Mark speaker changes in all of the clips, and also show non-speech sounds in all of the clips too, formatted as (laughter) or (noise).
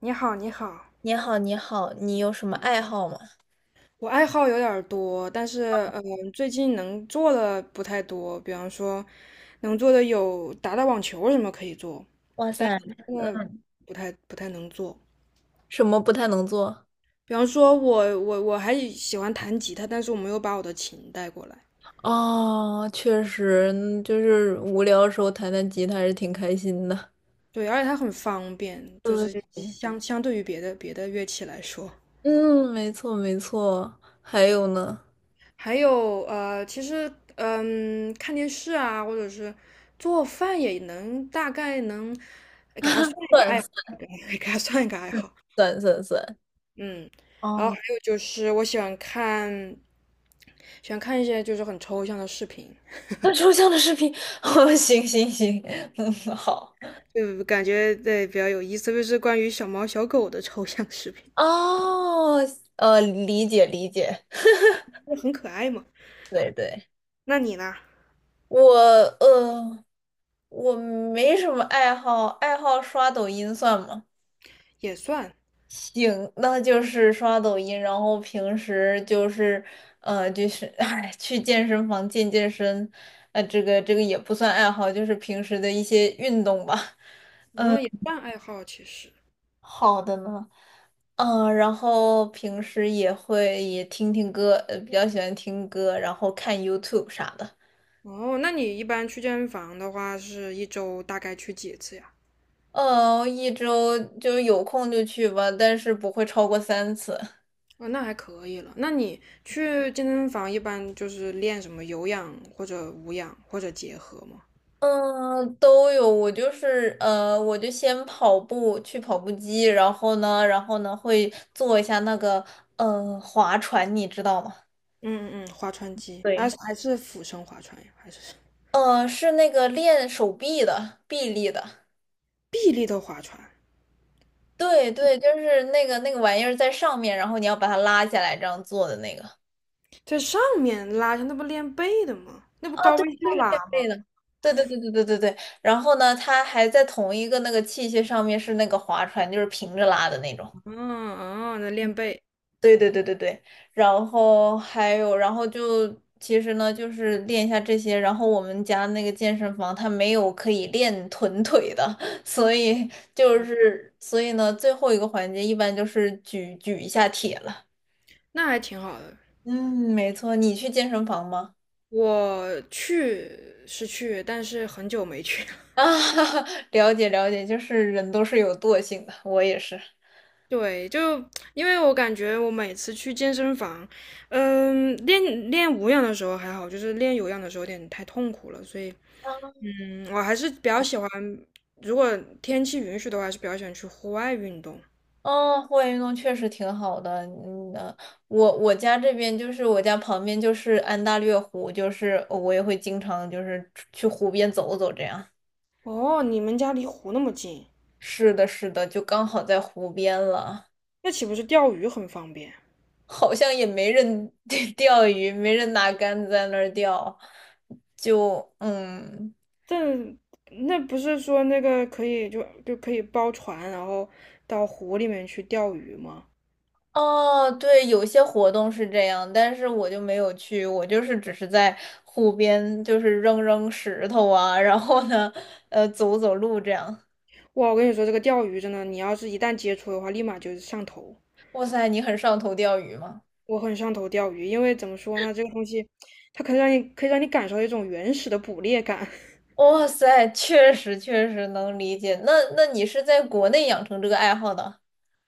Speaker 1: 你好，你好，
Speaker 2: 你好，你好，你有什么爱好吗？
Speaker 1: 我爱好有点儿多，但是最近能做的不太多。比方说，能做的有打打网球什么可以做，
Speaker 2: 哇
Speaker 1: 但
Speaker 2: 塞，
Speaker 1: 是现在不太能做。
Speaker 2: 什么不太能做？
Speaker 1: 比方说我还喜欢弹吉他，但是我没有把我的琴带过来。
Speaker 2: 哦，确实，就是无聊的时候弹弹吉他还是挺开心的。
Speaker 1: 对，而且它很方便，就是
Speaker 2: 对，
Speaker 1: 相对于别的乐器来说，
Speaker 2: 嗯，没错没错。还有呢？
Speaker 1: 还有其实看电视啊，或者是做饭也能大概能
Speaker 2: 算
Speaker 1: (laughs) 给它算一个爱好。
Speaker 2: 算算算
Speaker 1: 嗯，
Speaker 2: (laughs)。
Speaker 1: 然后
Speaker 2: 哦，
Speaker 1: 还有就是我喜欢看，喜欢看一些就是很抽象的视频，
Speaker 2: 那抽象的视频，(laughs) 哦，行行行，(laughs) 嗯，好。
Speaker 1: 就感觉对比较有意思，特别是关于小猫小狗的抽象视频，
Speaker 2: 哦，理解理解。
Speaker 1: 就很可爱嘛。
Speaker 2: 对对，
Speaker 1: 那你呢？
Speaker 2: 我呃，我没什么爱好，爱好刷抖音算吗？
Speaker 1: 也算，
Speaker 2: 行，那就是刷抖音，然后平时就是，(laughs) 哎，去健身房健健身，这个也不算爱好，就是平时的一些运动吧。(laughs)
Speaker 1: 嗯，也算爱好其实。
Speaker 2: 好的呢，然后平时也会也听听歌，比较喜欢听歌，然后看 YouTube 啥的。
Speaker 1: 哦，那你一般去健身房的话，是一周大概去几次呀？
Speaker 2: 嗯，一周就有空就去吧，但是不会超过3次。
Speaker 1: 哦，那还可以了。那你去健身房一般就是练什么有氧或者无氧或者结合吗？
Speaker 2: 嗯，都有。我就先跑步，去跑步机，然后呢，会做一下那个划船，你知道吗？
Speaker 1: 嗯划船机，啊
Speaker 2: 对，
Speaker 1: 还是俯身划船呀，还是什么
Speaker 2: 是那个练手臂的，臂力的。
Speaker 1: 臂力的划船，
Speaker 2: 对对，就是那个玩意儿在上面，然后你要把它拉下来，这样做的那个。
Speaker 1: 在上面拉下，那不练背的吗？那不
Speaker 2: 啊，
Speaker 1: 高
Speaker 2: 对，
Speaker 1: 位下
Speaker 2: 就是
Speaker 1: 拉
Speaker 2: 这
Speaker 1: 吗？
Speaker 2: 类的。对对对对对对对。然后呢，它还在同一个那个器械上面是那个划船，就是平着拉的那种。
Speaker 1: 嗯嗯，那练背，
Speaker 2: 对对对对对，然后还有，然后就其实呢，就是练一下这些。然后我们家那个健身房它没有可以练臀腿的，(laughs) 所以就是所以呢，最后一个环节一般就是举举一下铁了。
Speaker 1: 那还挺好的。
Speaker 2: 嗯，没错，你去健身房吗？
Speaker 1: 我去是去，但是很久没去了。
Speaker 2: (laughs) 啊，
Speaker 1: (laughs)
Speaker 2: 了解了解，就是人都是有惰性的，我也是。
Speaker 1: 对，就因为我感觉我每次去健身房，练练无氧的时候还好，就是练有氧的时候有点太痛苦了，所以我还是比较喜欢，如果天气允许的话，还是比较喜欢去户外运动。
Speaker 2: 哦，户外运动确实挺好的。嗯，我家这边就是我家旁边就是安大略湖，就是我也会经常就是去湖边走走这样。
Speaker 1: 哦，你们家离湖那么近，
Speaker 2: 是的，是的，就刚好在湖边了，
Speaker 1: 那岂不是钓鱼很方便？
Speaker 2: 好像也没人 (laughs) 钓鱼，没人拿杆子在那儿钓，就嗯。
Speaker 1: 这那不是说那个可以就可以包船，然后到湖里面去钓鱼吗？
Speaker 2: 哦，对，有些活动是这样，但是我就没有去，我就是只是在湖边，就是扔扔石头啊，然后呢，走走路这样。
Speaker 1: 哇，我跟你说，这个钓鱼真的，你要是一旦接触的话，立马就是上头。
Speaker 2: 哇塞，你很上头钓鱼吗？
Speaker 1: 我很上头钓鱼，因为怎么说呢，这个东西它可以让你感受到一种原始的捕猎感。(laughs)
Speaker 2: 哇塞，确实确实能理解。那你是在国内养成这个爱好的？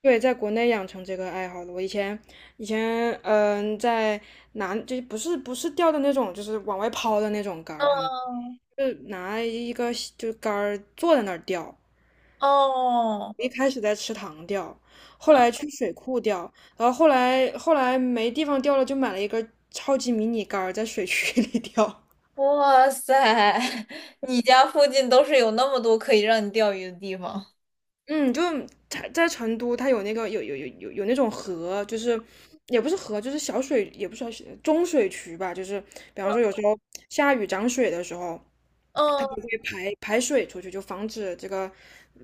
Speaker 1: 对，在国内养成这个爱好的，我以前在南就不是钓的那种，就是往外抛的那种竿儿，他们。
Speaker 2: 嗯，
Speaker 1: 就拿一个就杆儿坐在那儿钓，
Speaker 2: 哦，
Speaker 1: 一开始在池塘钓，后
Speaker 2: 嗯，
Speaker 1: 来去水库钓，然后后来没地方钓了，就买了一根超级迷你杆儿在水渠 (laughs) 里钓。
Speaker 2: 哇塞，(laughs) 你家附近都是有那么多可以让你钓鱼的地方。
Speaker 1: 嗯，就它在成都，它有那个有那种河，就是也不是河，就是小水，也不是小水中水渠吧，就是比方说有时候下雨涨水的时候，它就
Speaker 2: 嗯，
Speaker 1: 会排排水出去，就防止这个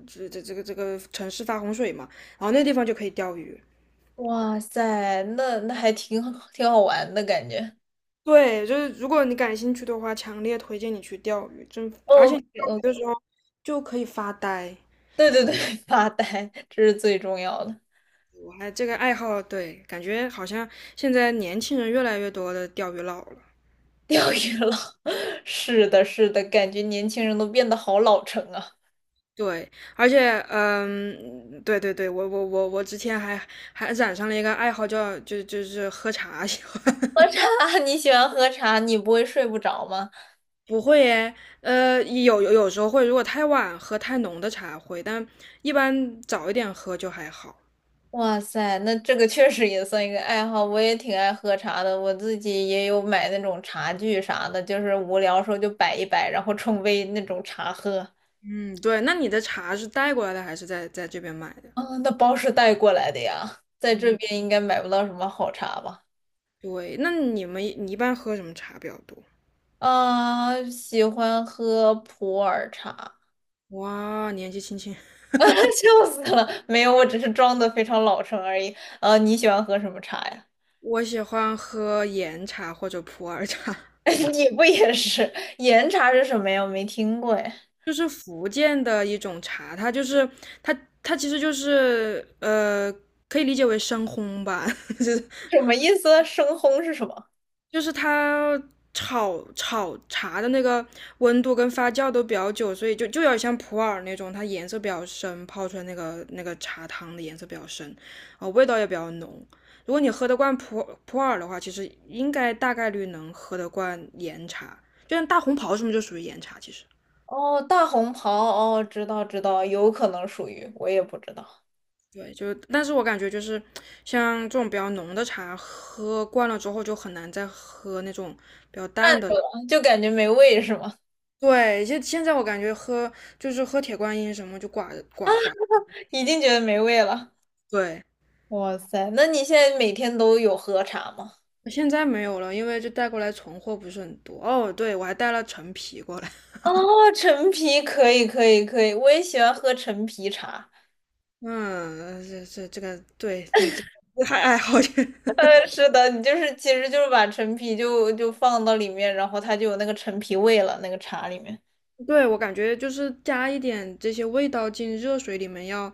Speaker 1: 这个这个城市发洪水嘛。然后那地方就可以钓鱼。
Speaker 2: 哇塞，那还挺好玩的感觉。
Speaker 1: 对，就是如果你感兴趣的话，强烈推荐你去钓鱼，真，而且
Speaker 2: OK
Speaker 1: 你钓鱼的
Speaker 2: OK，
Speaker 1: 时候就可以发呆。
Speaker 2: 对对对，(laughs) 发呆，这是最重要的。
Speaker 1: 我还这个爱好，对，感觉好像现在年轻人越来越多的钓鱼佬了。
Speaker 2: (laughs) 钓鱼了，(laughs) 是的，是的，感觉年轻人都变得好老成啊。
Speaker 1: 对，而且，嗯，对对对，我之前还染上了一个爱好叫，就是喝茶喜欢。
Speaker 2: 喝
Speaker 1: (laughs)
Speaker 2: 茶，(laughs) 你喜欢喝茶，你不会睡不着吗？
Speaker 1: 不会耶，有时候会，如果太晚喝太浓的茶会，但一般早一点喝就还好。
Speaker 2: 哇塞，那这个确实也算一个爱好，我也挺爱喝茶的，我自己也有买那种茶具啥的，就是无聊时候就摆一摆，然后冲杯那种茶喝。
Speaker 1: 嗯，对，那你的茶是带过来的还是在这边买的？
Speaker 2: 啊，那包是带过来的呀，在这边应该买不到什么好茶吧？
Speaker 1: 对，那你一般喝什么茶比较多？
Speaker 2: 啊，喜欢喝普洱茶，
Speaker 1: 哇，年纪轻轻，
Speaker 2: (laughs)
Speaker 1: (laughs)
Speaker 2: 笑死了，没有，我只是装的非常老成而已。你喜欢喝什么茶呀？
Speaker 1: 我喜欢喝岩茶或者普洱茶，
Speaker 2: (laughs) 你不也是岩茶是什么呀？我没听过哎，
Speaker 1: 就是福建的一种茶，它其实就是可以理解为深烘吧，(laughs) 就
Speaker 2: 什么意思？生烘是什么？
Speaker 1: 就是它炒炒茶的那个温度跟发酵都比较久，所以就有点像普洱那种，它颜色比较深，泡出来那个茶汤的颜色比较深，味道也比较浓。如果你喝得惯普普洱的话，其实应该大概率能喝得惯岩茶，就像大红袍什么就属于岩茶，其实。
Speaker 2: 哦，大红袍，哦，知道知道，有可能属于，我也不知道。
Speaker 1: 对，就但是我感觉就是像这种比较浓的茶，喝惯了之后就很难再喝那种比较淡
Speaker 2: 看着
Speaker 1: 的。
Speaker 2: 了就感觉没味是吗？
Speaker 1: 对，现在我感觉喝就是喝铁观音什么就寡寡寡，
Speaker 2: (laughs) 已经觉得没味了。
Speaker 1: 对，
Speaker 2: 哇塞，那你现在每天都有喝茶吗？
Speaker 1: 现在没有了，因为就带过来存货不是很多。哦，对，我还带了陈皮过来。(laughs)
Speaker 2: 哦，陈皮可以可以可以，我也喜欢喝陈皮茶。(laughs)
Speaker 1: 嗯，这个，对你这个还爱好点。
Speaker 2: 是的，你就是其实就是把陈皮就放到里面，然后它就有那个陈皮味了，那个茶里面。
Speaker 1: (laughs) 对，我感觉就是加一点这些味道进热水里面要，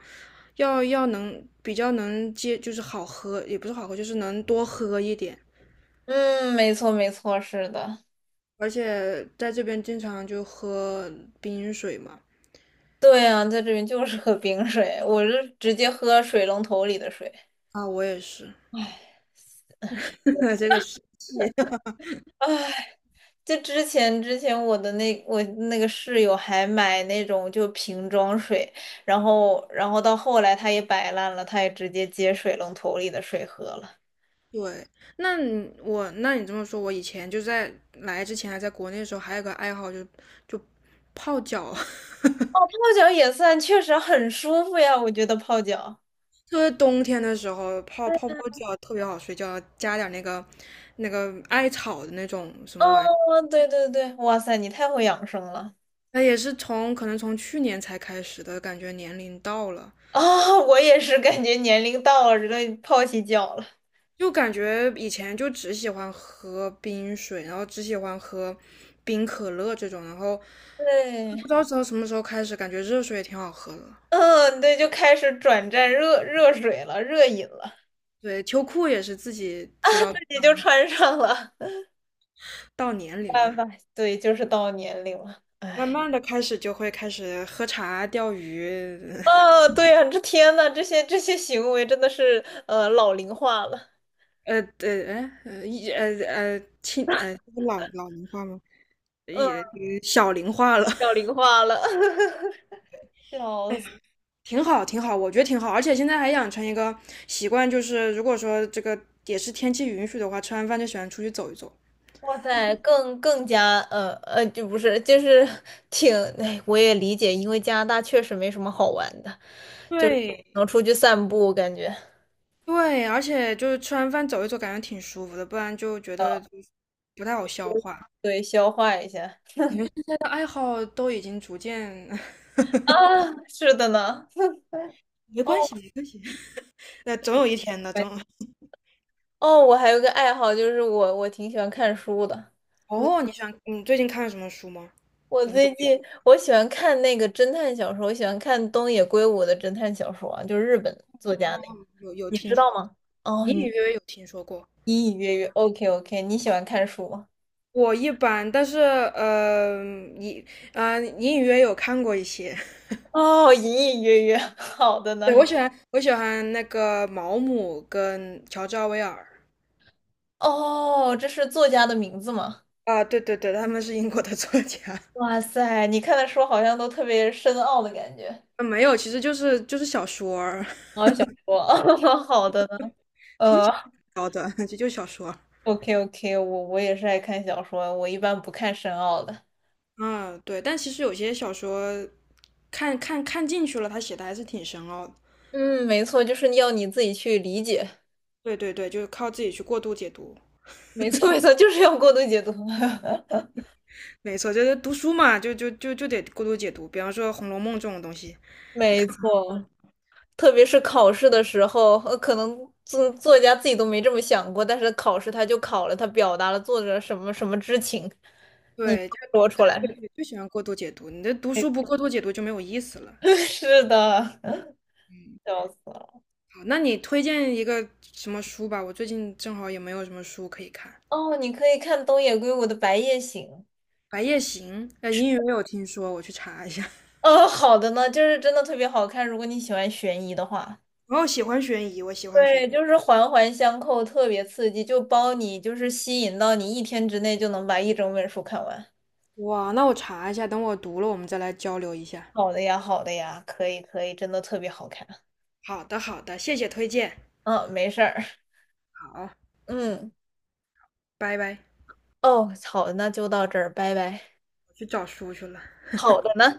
Speaker 1: 要能比较能接，就是好喝，也不是好喝，就是能多喝一点。
Speaker 2: 嗯，没错没错，是的。
Speaker 1: 而且在这边经常就喝冰水嘛，
Speaker 2: 对啊，在这边就是 (laughs) 喝冰水，我是直接喝水龙头里的水。
Speaker 1: 啊，我也是，(laughs) 这个是
Speaker 2: 唉，就之前我那个室友还买那种就瓶装水，然后到后来他也摆烂了，他也直接接水龙头里的水喝了。
Speaker 1: 对，那你这么说，我以前就在来之前还在国内的时候，还有个爱好就泡脚，
Speaker 2: 哦，
Speaker 1: (laughs)
Speaker 2: 泡脚也算，确实很舒服呀，我觉得泡脚。
Speaker 1: 特别冬天的时候泡泡泡脚特别好睡觉，加点那个艾草的那种什么玩意儿，
Speaker 2: 哦，对对对，哇塞，你太会养生了
Speaker 1: 那也是从可能从去年才开始的，感觉年龄到了，
Speaker 2: 啊！我也是感觉年龄到了，这个泡起脚了。
Speaker 1: 就感觉以前就只喜欢喝冰水，然后只喜欢喝冰可乐这种，然后不
Speaker 2: 对。
Speaker 1: 知道从什么时候开始，感觉热水也挺好喝的。
Speaker 2: (laughs) 嗯，对，就开始转战热水了，热饮了，
Speaker 1: 对，秋裤也是自己知
Speaker 2: 自
Speaker 1: 道
Speaker 2: 己就穿上了，(laughs) 没
Speaker 1: 到年龄了，
Speaker 2: 办法，对，就是到年龄了，
Speaker 1: 慢
Speaker 2: 哎，
Speaker 1: 慢的开始就会开始喝茶、钓鱼，(laughs)
Speaker 2: 啊，对呀，这天呐，这些行为真的是老龄化了，
Speaker 1: 呃呃哎呃一呃呃亲呃这是老老龄化吗？
Speaker 2: 嗯，
Speaker 1: 也小龄化了，
Speaker 2: 老
Speaker 1: (laughs)
Speaker 2: 龄化了，(laughs)
Speaker 1: 哎呀，挺好挺好，我觉得挺好，而且现在还养成一个习惯，就是如果说这个也是天气允许的话，吃完饭就喜欢出去走一走。
Speaker 2: 哇塞，更加就不是，就是挺，哎，我也理解，因为加拿大确实没什么好玩的，就是
Speaker 1: 对
Speaker 2: 能出去散步，感觉，
Speaker 1: 对，而且就是吃完饭走一走，感觉挺舒服的，不然就觉得
Speaker 2: 呃，
Speaker 1: 不太好消化。现
Speaker 2: 对，消化一下
Speaker 1: 在的爱好都已经逐渐 (laughs)
Speaker 2: 啊，是的呢，(laughs)
Speaker 1: 没关
Speaker 2: 哦。
Speaker 1: 系，没关系。(laughs) 那总有一天的，总有。
Speaker 2: 哦，我还有个爱好，就是我挺喜欢看书的。嗯
Speaker 1: 哦，你喜欢你最近看了什么书吗？
Speaker 2: 我
Speaker 1: 有什么
Speaker 2: 最近我喜欢看那个侦探小说，我喜欢看东野圭吾的侦探小说啊，就是日本作家那个，
Speaker 1: 有有
Speaker 2: 你
Speaker 1: 听
Speaker 2: 知道
Speaker 1: 说过？
Speaker 2: 吗？哦，
Speaker 1: 隐隐约约有听说过。
Speaker 2: 一 OK OK，你喜欢看书吗？
Speaker 1: 我一般，但是隐隐隐约约有看过一些。(laughs)
Speaker 2: 哦，隐隐约约，(laughs) 好的
Speaker 1: 对，
Speaker 2: 呢。
Speaker 1: 我喜欢那个毛姆跟乔治奥威尔
Speaker 2: 哦，这是作家的名字吗？
Speaker 1: 啊，对对对，他们是英国的 (laughs) 作家。
Speaker 2: 哇塞，你看的书好像都特别深奥的感觉。
Speaker 1: (laughs) 没有，其实就是小说儿
Speaker 2: 哦，小说，(laughs) 好的呢。呃
Speaker 1: 聊的，(laughs) 就就小说儿。
Speaker 2: ，OK OK，我也是爱看小说，我一般不看深奥的。
Speaker 1: 嗯，对，但其实有些小说看进去了，他写的还是挺深奥的。
Speaker 2: 嗯，没错，就是要你自己去理解。
Speaker 1: 对对对，就是靠自己去过度解读。
Speaker 2: 没错，没错，就是要过度解读。(laughs)
Speaker 1: 没错，就是读书嘛，就得过度解读。比方说《红楼梦》这种东西，你
Speaker 2: 没
Speaker 1: 看，
Speaker 2: 错，特别是考试的时候，可能作家自己都没这么想过，但是考试他就考了，他表达了作者什么什么之情，你
Speaker 1: 对，就
Speaker 2: 说出来。
Speaker 1: 对对，就喜欢过度解读。你的读
Speaker 2: 没
Speaker 1: 书不过度解读就没有意思了。
Speaker 2: (laughs) 是的，(laughs)
Speaker 1: 嗯
Speaker 2: 笑死了。
Speaker 1: 好，那你推荐一个什么书吧？我最近正好也没有什么书可以看，
Speaker 2: 哦，你可以看东野圭吾的《白夜行》。
Speaker 1: 《白夜行》英语没有听说，我去查一下。(laughs)
Speaker 2: 好的呢，就是真的特别好看，如果你喜欢悬疑的话。
Speaker 1: 然后喜欢悬疑，我喜欢悬
Speaker 2: 对，就是环环相扣，特别刺激，就包你，就是吸引到你一天之内就能把一整本书看完。
Speaker 1: 疑。哇，那我查一下，等我读了，我们再来交流一下。
Speaker 2: 好的呀，好的呀，可以可以，真的特别好看。
Speaker 1: 好的，好的，谢谢推荐。
Speaker 2: 嗯，没事儿。
Speaker 1: 好，
Speaker 2: 嗯，
Speaker 1: 拜拜，
Speaker 2: 哦，好的，那就到这儿，拜拜。
Speaker 1: 我去找书去了。
Speaker 2: 好的呢。